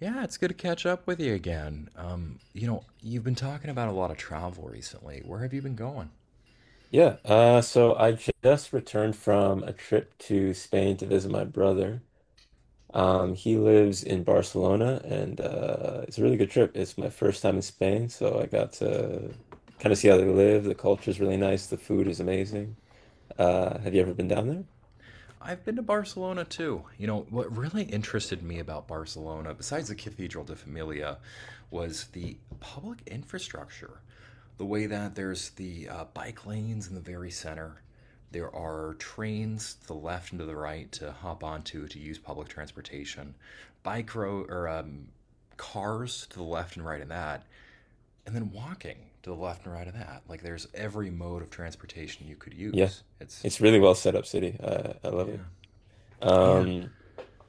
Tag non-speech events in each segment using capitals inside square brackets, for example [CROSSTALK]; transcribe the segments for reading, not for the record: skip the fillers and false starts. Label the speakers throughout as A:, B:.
A: Yeah, it's good to catch up with you again. You've been talking about a lot of travel recently. Where have you been going?
B: Yeah, so I just returned from a trip to Spain to visit my brother. He lives in Barcelona, and it's a really good trip. It's my first time in Spain, so I got to kind of see how they live. The culture is really nice. The food is amazing. Have you ever been down there?
A: I've been to Barcelona too. You know, what really interested me about Barcelona, besides the Cathedral de Familia, was the public infrastructure. The way that there's the bike lanes in the very center, there are trains to the left and to the right to hop onto to use public transportation, bike road or cars to the left and right of that, and then walking to the left and right of that. Like there's every mode of transportation you could
B: Yeah,
A: use. It's
B: it's really well set up city. I love
A: Yeah,
B: it.
A: yeah.
B: Um,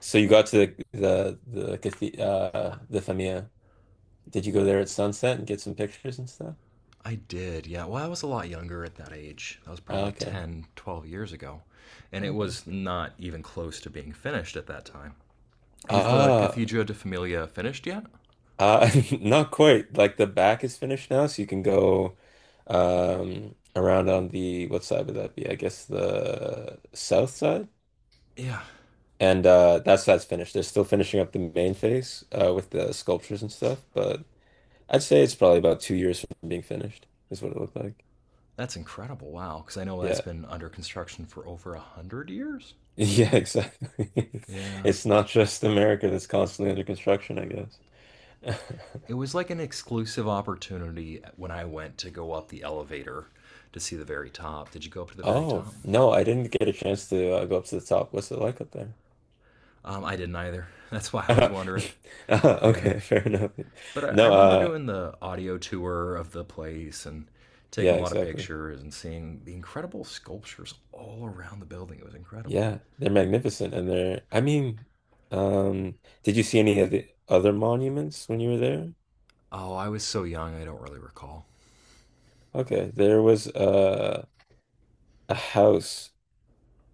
B: so you got to the Famia. Did you go there at sunset and get some pictures and stuff?
A: I did. Yeah. Well, I was a lot younger at that age. That was probably
B: Okay,
A: 10, 12 years ago. And it
B: okay.
A: was not even close to being finished at that time. Is the
B: Ah,
A: Cathedra de Familia finished yet?
B: Uh, [LAUGHS] Not quite. Like the back is finished now, so you can go around on the what side would that be? I guess the south side.
A: Yeah.
B: And that's finished. They're still finishing up the main face with the sculptures and stuff, but I'd say it's probably about 2 years from being finished is what it looked like.
A: That's incredible. Wow. Because I know that's
B: Yeah. [LAUGHS]
A: been under construction for over 100 years.
B: Yeah, exactly. [LAUGHS]
A: Yeah.
B: It's not just America that's constantly under construction, I guess.
A: It
B: [LAUGHS]
A: was like an exclusive opportunity when I went to go up the elevator to see the very top. Did you go up to the very
B: Oh,
A: top?
B: no, I didn't get a chance to go up to the top. What's it like up there?
A: I didn't either. [LAUGHS] That's why I was
B: Uh,
A: wondering.
B: [LAUGHS]
A: Yeah.
B: okay, fair enough.
A: But I
B: No,
A: remember doing the audio tour of the place and taking
B: yeah,
A: a lot of
B: exactly.
A: pictures and seeing the incredible sculptures all around the building. It was incredible.
B: Yeah, they're magnificent, and they're. I mean, did you see any of the other monuments when you were there?
A: Oh, I was so young, I don't really recall.
B: Okay, there was a house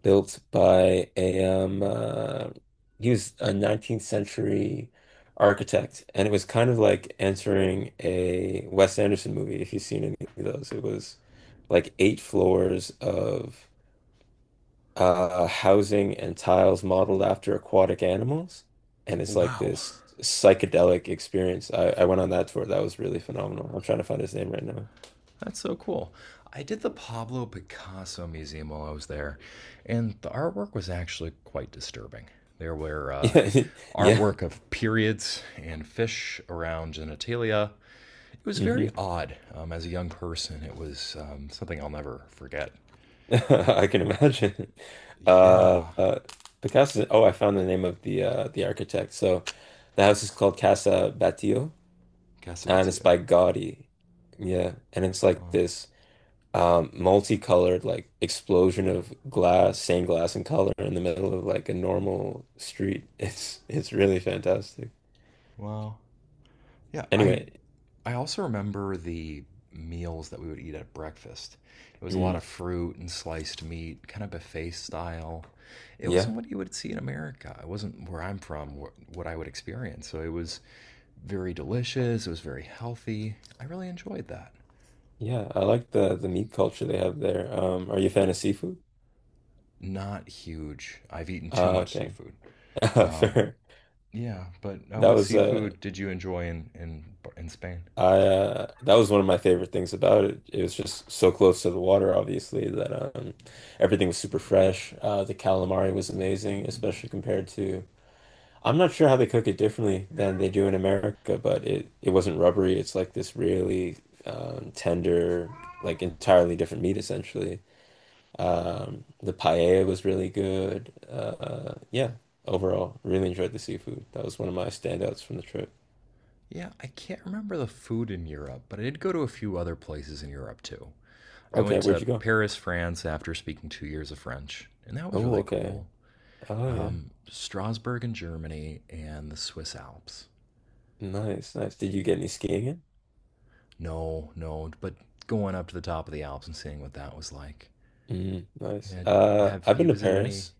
B: built by a he was a 19th century architect, and it was kind of like entering a Wes Anderson movie, if you've seen any of those. It was like eight floors of housing and tiles modeled after aquatic animals. And it's like
A: Wow.
B: this psychedelic experience. I went on that tour. That was really phenomenal. I'm trying to find his name right now.
A: That's so cool. I did the Pablo Picasso Museum while I was there, and the artwork was actually quite disturbing. There were
B: [LAUGHS] Yeah. Yeah.
A: artwork of periods and fish around genitalia. It was very
B: Hmm.
A: odd. As a young person, it was something I'll never forget.
B: [LAUGHS] I can imagine. Uh,
A: Yeah,
B: uh, Picasso. Oh, I found the name of the architect. So the house is called Casa Batlló and it's
A: Casabitio.
B: by Gaudi. Yeah. And it's like
A: Well,
B: this, multicolored like explosion of glass, stained glass and color in the middle of like a normal street. [LAUGHS] It's really fantastic.
A: well, yeah, I
B: Anyway,
A: I also remember the meals that we would eat at breakfast. It was a lot of
B: mm,
A: fruit and sliced meat, kind of buffet style. It wasn't
B: yeah,
A: what you would see in America. It wasn't where I'm from, what I would experience. So it was very delicious. It was very healthy. I really enjoyed that.
B: yeah, I like the meat culture they have there. Are you a fan of seafood?
A: Not huge. I've eaten too much
B: Okay,
A: seafood.
B: [LAUGHS]
A: Um,
B: fair.
A: yeah, but
B: That
A: what
B: was uh,
A: seafood did you enjoy in Spain?
B: that was one of my favorite things about it. It was just so close to the water, obviously, that everything was super fresh. The calamari was amazing, especially compared to. I'm not sure how they cook it differently than they do in America, but it wasn't rubbery. It's like this really tender, like entirely different meat essentially. The paella was really good. Yeah, overall, really enjoyed the seafood. That was one of my standouts from the trip.
A: Yeah, I can't remember the food in Europe, but I did go to a few other places in Europe too. I went
B: Okay, where'd
A: to
B: you go?
A: Paris, France after speaking 2 years of French, and that was
B: Oh,
A: really
B: okay.
A: cool.
B: Oh yeah,
A: Strasbourg in Germany and the Swiss Alps.
B: nice, nice. Did you get any skiing in?
A: No, no, but going up to the top of the Alps and seeing what that was like.
B: Mm, nice.
A: And have
B: I've been
A: you
B: to
A: visited any?
B: Paris.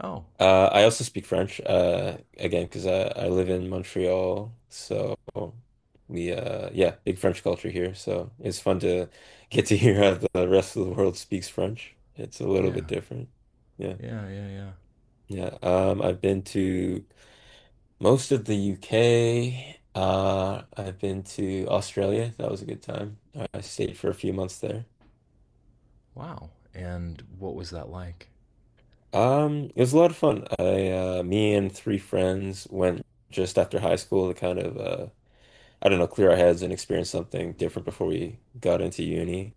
A: Oh,
B: I also speak French, again, because I live in Montreal, so we yeah, big French culture here. So it's fun to get to hear how the rest of the world speaks French. It's a little
A: yeah,
B: bit different. Yeah.
A: yeah, yeah, yeah.
B: Yeah. I've been to most of the UK. I've been to Australia. That was a good time. I stayed for a few months there.
A: Wow. And what was that like?
B: It was a lot of fun. I me and three friends went just after high school to kind of I don't know, clear our heads and experience something different before we got into uni.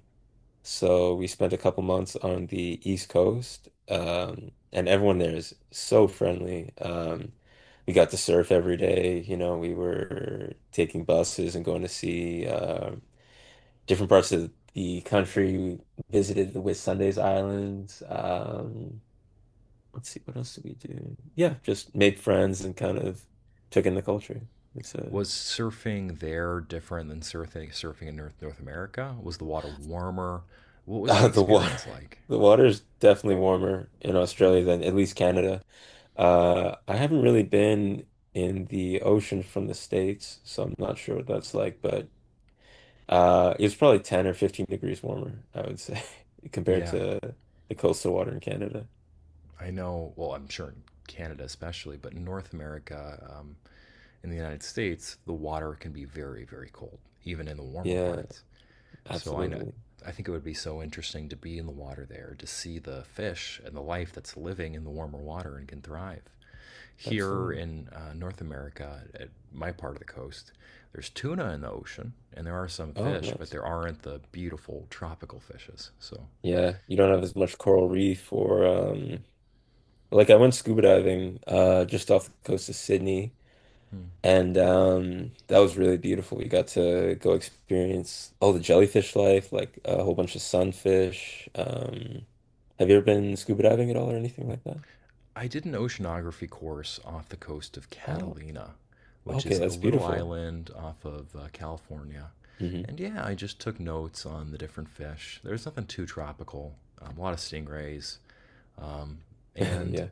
B: So we spent a couple months on the East Coast, and everyone there is so friendly. We got to surf every day. We were taking buses and going to see different parts of the country. We visited the Whitsundays Islands. Let's see, what else did we do? Yeah, just made friends and kind of took in the culture. It's a
A: Was surfing there different than surfing in North America? Was the water warmer? What was the
B: The water,
A: experience like?
B: [LAUGHS] the water is definitely warmer in
A: Yeah.
B: Australia than at least Canada. I haven't really been in the ocean from the States, so I'm not sure what that's like, but it's probably 10 or 15 degrees warmer, I would say, [LAUGHS] compared
A: Yeah,
B: to the coastal water in Canada.
A: I know, well, I'm sure in Canada especially, but in North America, in the United States, the water can be very, very cold, even in the warmer
B: Yeah,
A: parts. So I know,
B: absolutely.
A: I think it would be so interesting to be in the water there, to see the fish and the life that's living in the warmer water and can thrive. Here
B: Absolutely.
A: in North America, at my part of the coast, there's tuna in the ocean, and there are some
B: Oh,
A: fish, but
B: nice.
A: there aren't the beautiful tropical fishes. So,
B: Yeah, you don't have as much coral reef or like I went scuba diving just off the coast of Sydney.
A: hmm,
B: And that was really beautiful. We got to go experience all the jellyfish life, like a whole bunch of sunfish. Have you ever been scuba diving at all or anything like that?
A: I did an oceanography course off the coast of
B: Oh,
A: Catalina, which
B: okay,
A: is a
B: that's
A: little
B: beautiful.
A: island off of California.
B: Hmm.
A: And yeah, I just took notes on the different fish. There's nothing too tropical. A lot of stingrays,
B: [LAUGHS]
A: and
B: Yeah.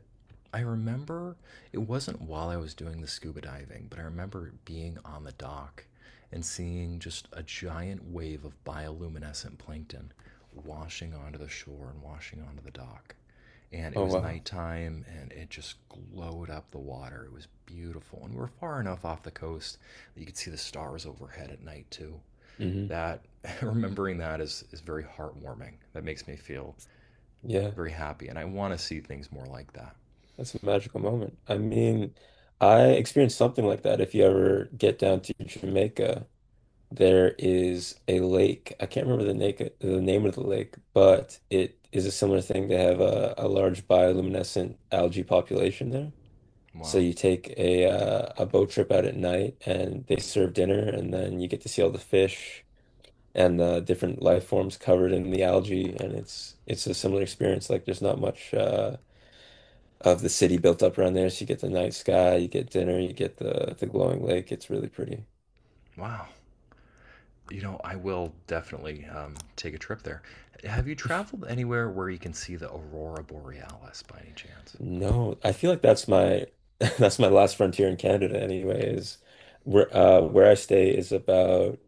A: I remember it wasn't while I was doing the scuba diving, but I remember being on the dock and seeing just a giant wave of bioluminescent plankton washing onto the shore and washing onto the dock. And it
B: Oh,
A: was
B: wow.
A: nighttime and it just glowed up the water. It was beautiful. And we were far enough off the coast that you could see the stars overhead at night, too.
B: Hmm.
A: That, [LAUGHS] remembering that is very heartwarming. That makes me feel
B: Yeah,
A: very happy. And I want to see things more like that.
B: that's a magical moment. I mean, I experienced something like that if you ever get down to Jamaica. There is a lake. I can't remember the name of the lake, but it is a similar thing. They have a large bioluminescent algae population there. So
A: Wow.
B: you take a boat trip out at night, and they serve dinner, and then you get to see all the fish and the different life forms covered in the algae, and it's a similar experience. Like there's not much of the city built up around there, so you get the night sky, you get dinner, you get the glowing lake. It's really pretty.
A: Wow. You know, I will definitely take a trip there. Have you traveled anywhere where you can see the aurora borealis by any chance?
B: No, I feel like that's my [LAUGHS] that's my last frontier in Canada anyways. Where I stay is about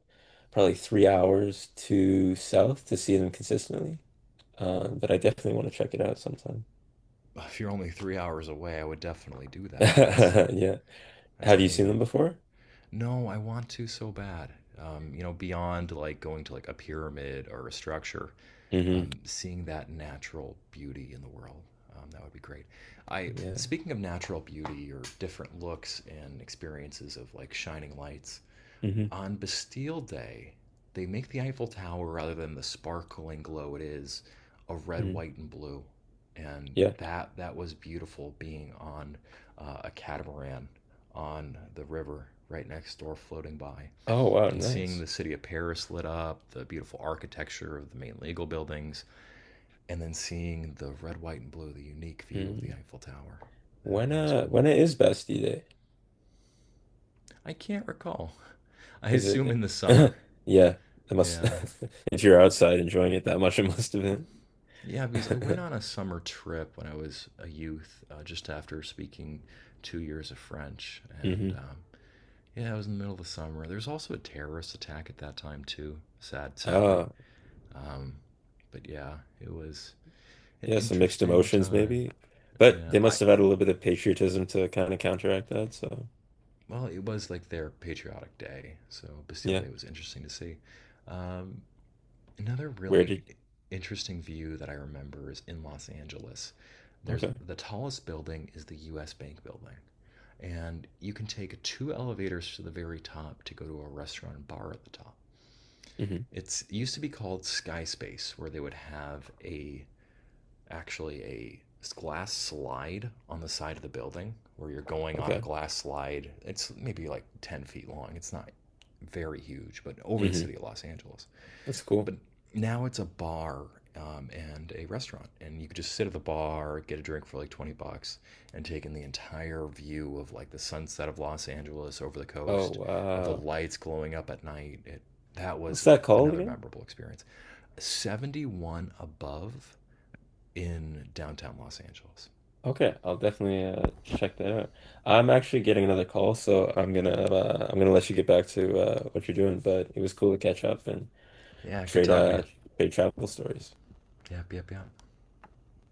B: probably 3 hours to south to see them consistently. But I definitely want to check it out sometime.
A: If you're only 3 hours away, I would definitely do that. That's
B: [LAUGHS] Yeah.
A: that's
B: Have you seen
A: amazing.
B: them before?
A: No, I want to so bad. Beyond like going to like a pyramid or a structure,
B: Hmm.
A: seeing that natural beauty in the world, that would be great. I
B: Yeah.
A: Speaking of natural beauty or different looks and experiences of like shining lights,
B: Hmm.
A: on Bastille Day, they make the Eiffel Tower rather than the sparkling glow it is of red,
B: Mm.
A: white, and blue. And
B: Yeah.
A: that was beautiful being on a catamaran on the river right next door floating by
B: Oh wow,
A: and seeing
B: nice.
A: the city of Paris lit up, the beautiful architecture of the main legal buildings, and then seeing the red, white, and blue, the unique view of the
B: Mm.
A: Eiffel Tower. That,
B: When
A: that was
B: uh
A: cool.
B: when it is Bastille Day?
A: I can't recall. [LAUGHS] I
B: Is
A: assume in
B: it
A: the summer.
B: [LAUGHS] Yeah, it must
A: Yeah,
B: [LAUGHS] if you're outside enjoying it that much, it must have been.
A: yeah, because I went
B: [LAUGHS]
A: on a summer trip when I was a youth, just after speaking 2 years of French. And
B: Mhm.
A: yeah, it was in the middle of the summer. There was also a terrorist attack at that time, too, sadly.
B: Uh,
A: Um, but yeah, it was an
B: yeah, some mixed
A: interesting
B: emotions
A: time.
B: maybe. But
A: Yeah,
B: they must have
A: I
B: had a little bit of patriotism to kind of counteract that. So,
A: well, it was like their patriotic day, so Bastille
B: yeah.
A: Day was interesting to see. Um, Another
B: Where
A: really
B: did
A: interesting view that I remember is in Los Angeles. There's
B: Okay.
A: the tallest building is the US Bank building. And you can take two elevators to the very top to go to a restaurant and bar at the top.
B: Hmm.
A: It used to be called Sky Space, where they would have a actually a glass slide on the side of the building where you're going on a
B: Okay.
A: glass slide. It's maybe like 10 feet long. It's not very huge, but over the
B: Hmm.
A: city of Los Angeles
B: That's cool.
A: but now it's a bar and a restaurant, and you could just sit at the bar, get a drink for like 20 bucks, and take in the entire view of like the sunset of Los Angeles over the
B: Oh,
A: coast, of the
B: wow.
A: lights glowing up at night. That
B: What's
A: was
B: that called
A: another
B: again?
A: memorable experience. 71 above in downtown Los Angeles.
B: Okay, I'll definitely check that out. I'm actually getting another call, so I'm gonna let you get back to what you're doing, but it was cool to catch up and
A: Yeah, good
B: trade
A: talking to
B: uh
A: you.
B: trade travel stories.
A: Yep, yep, yep.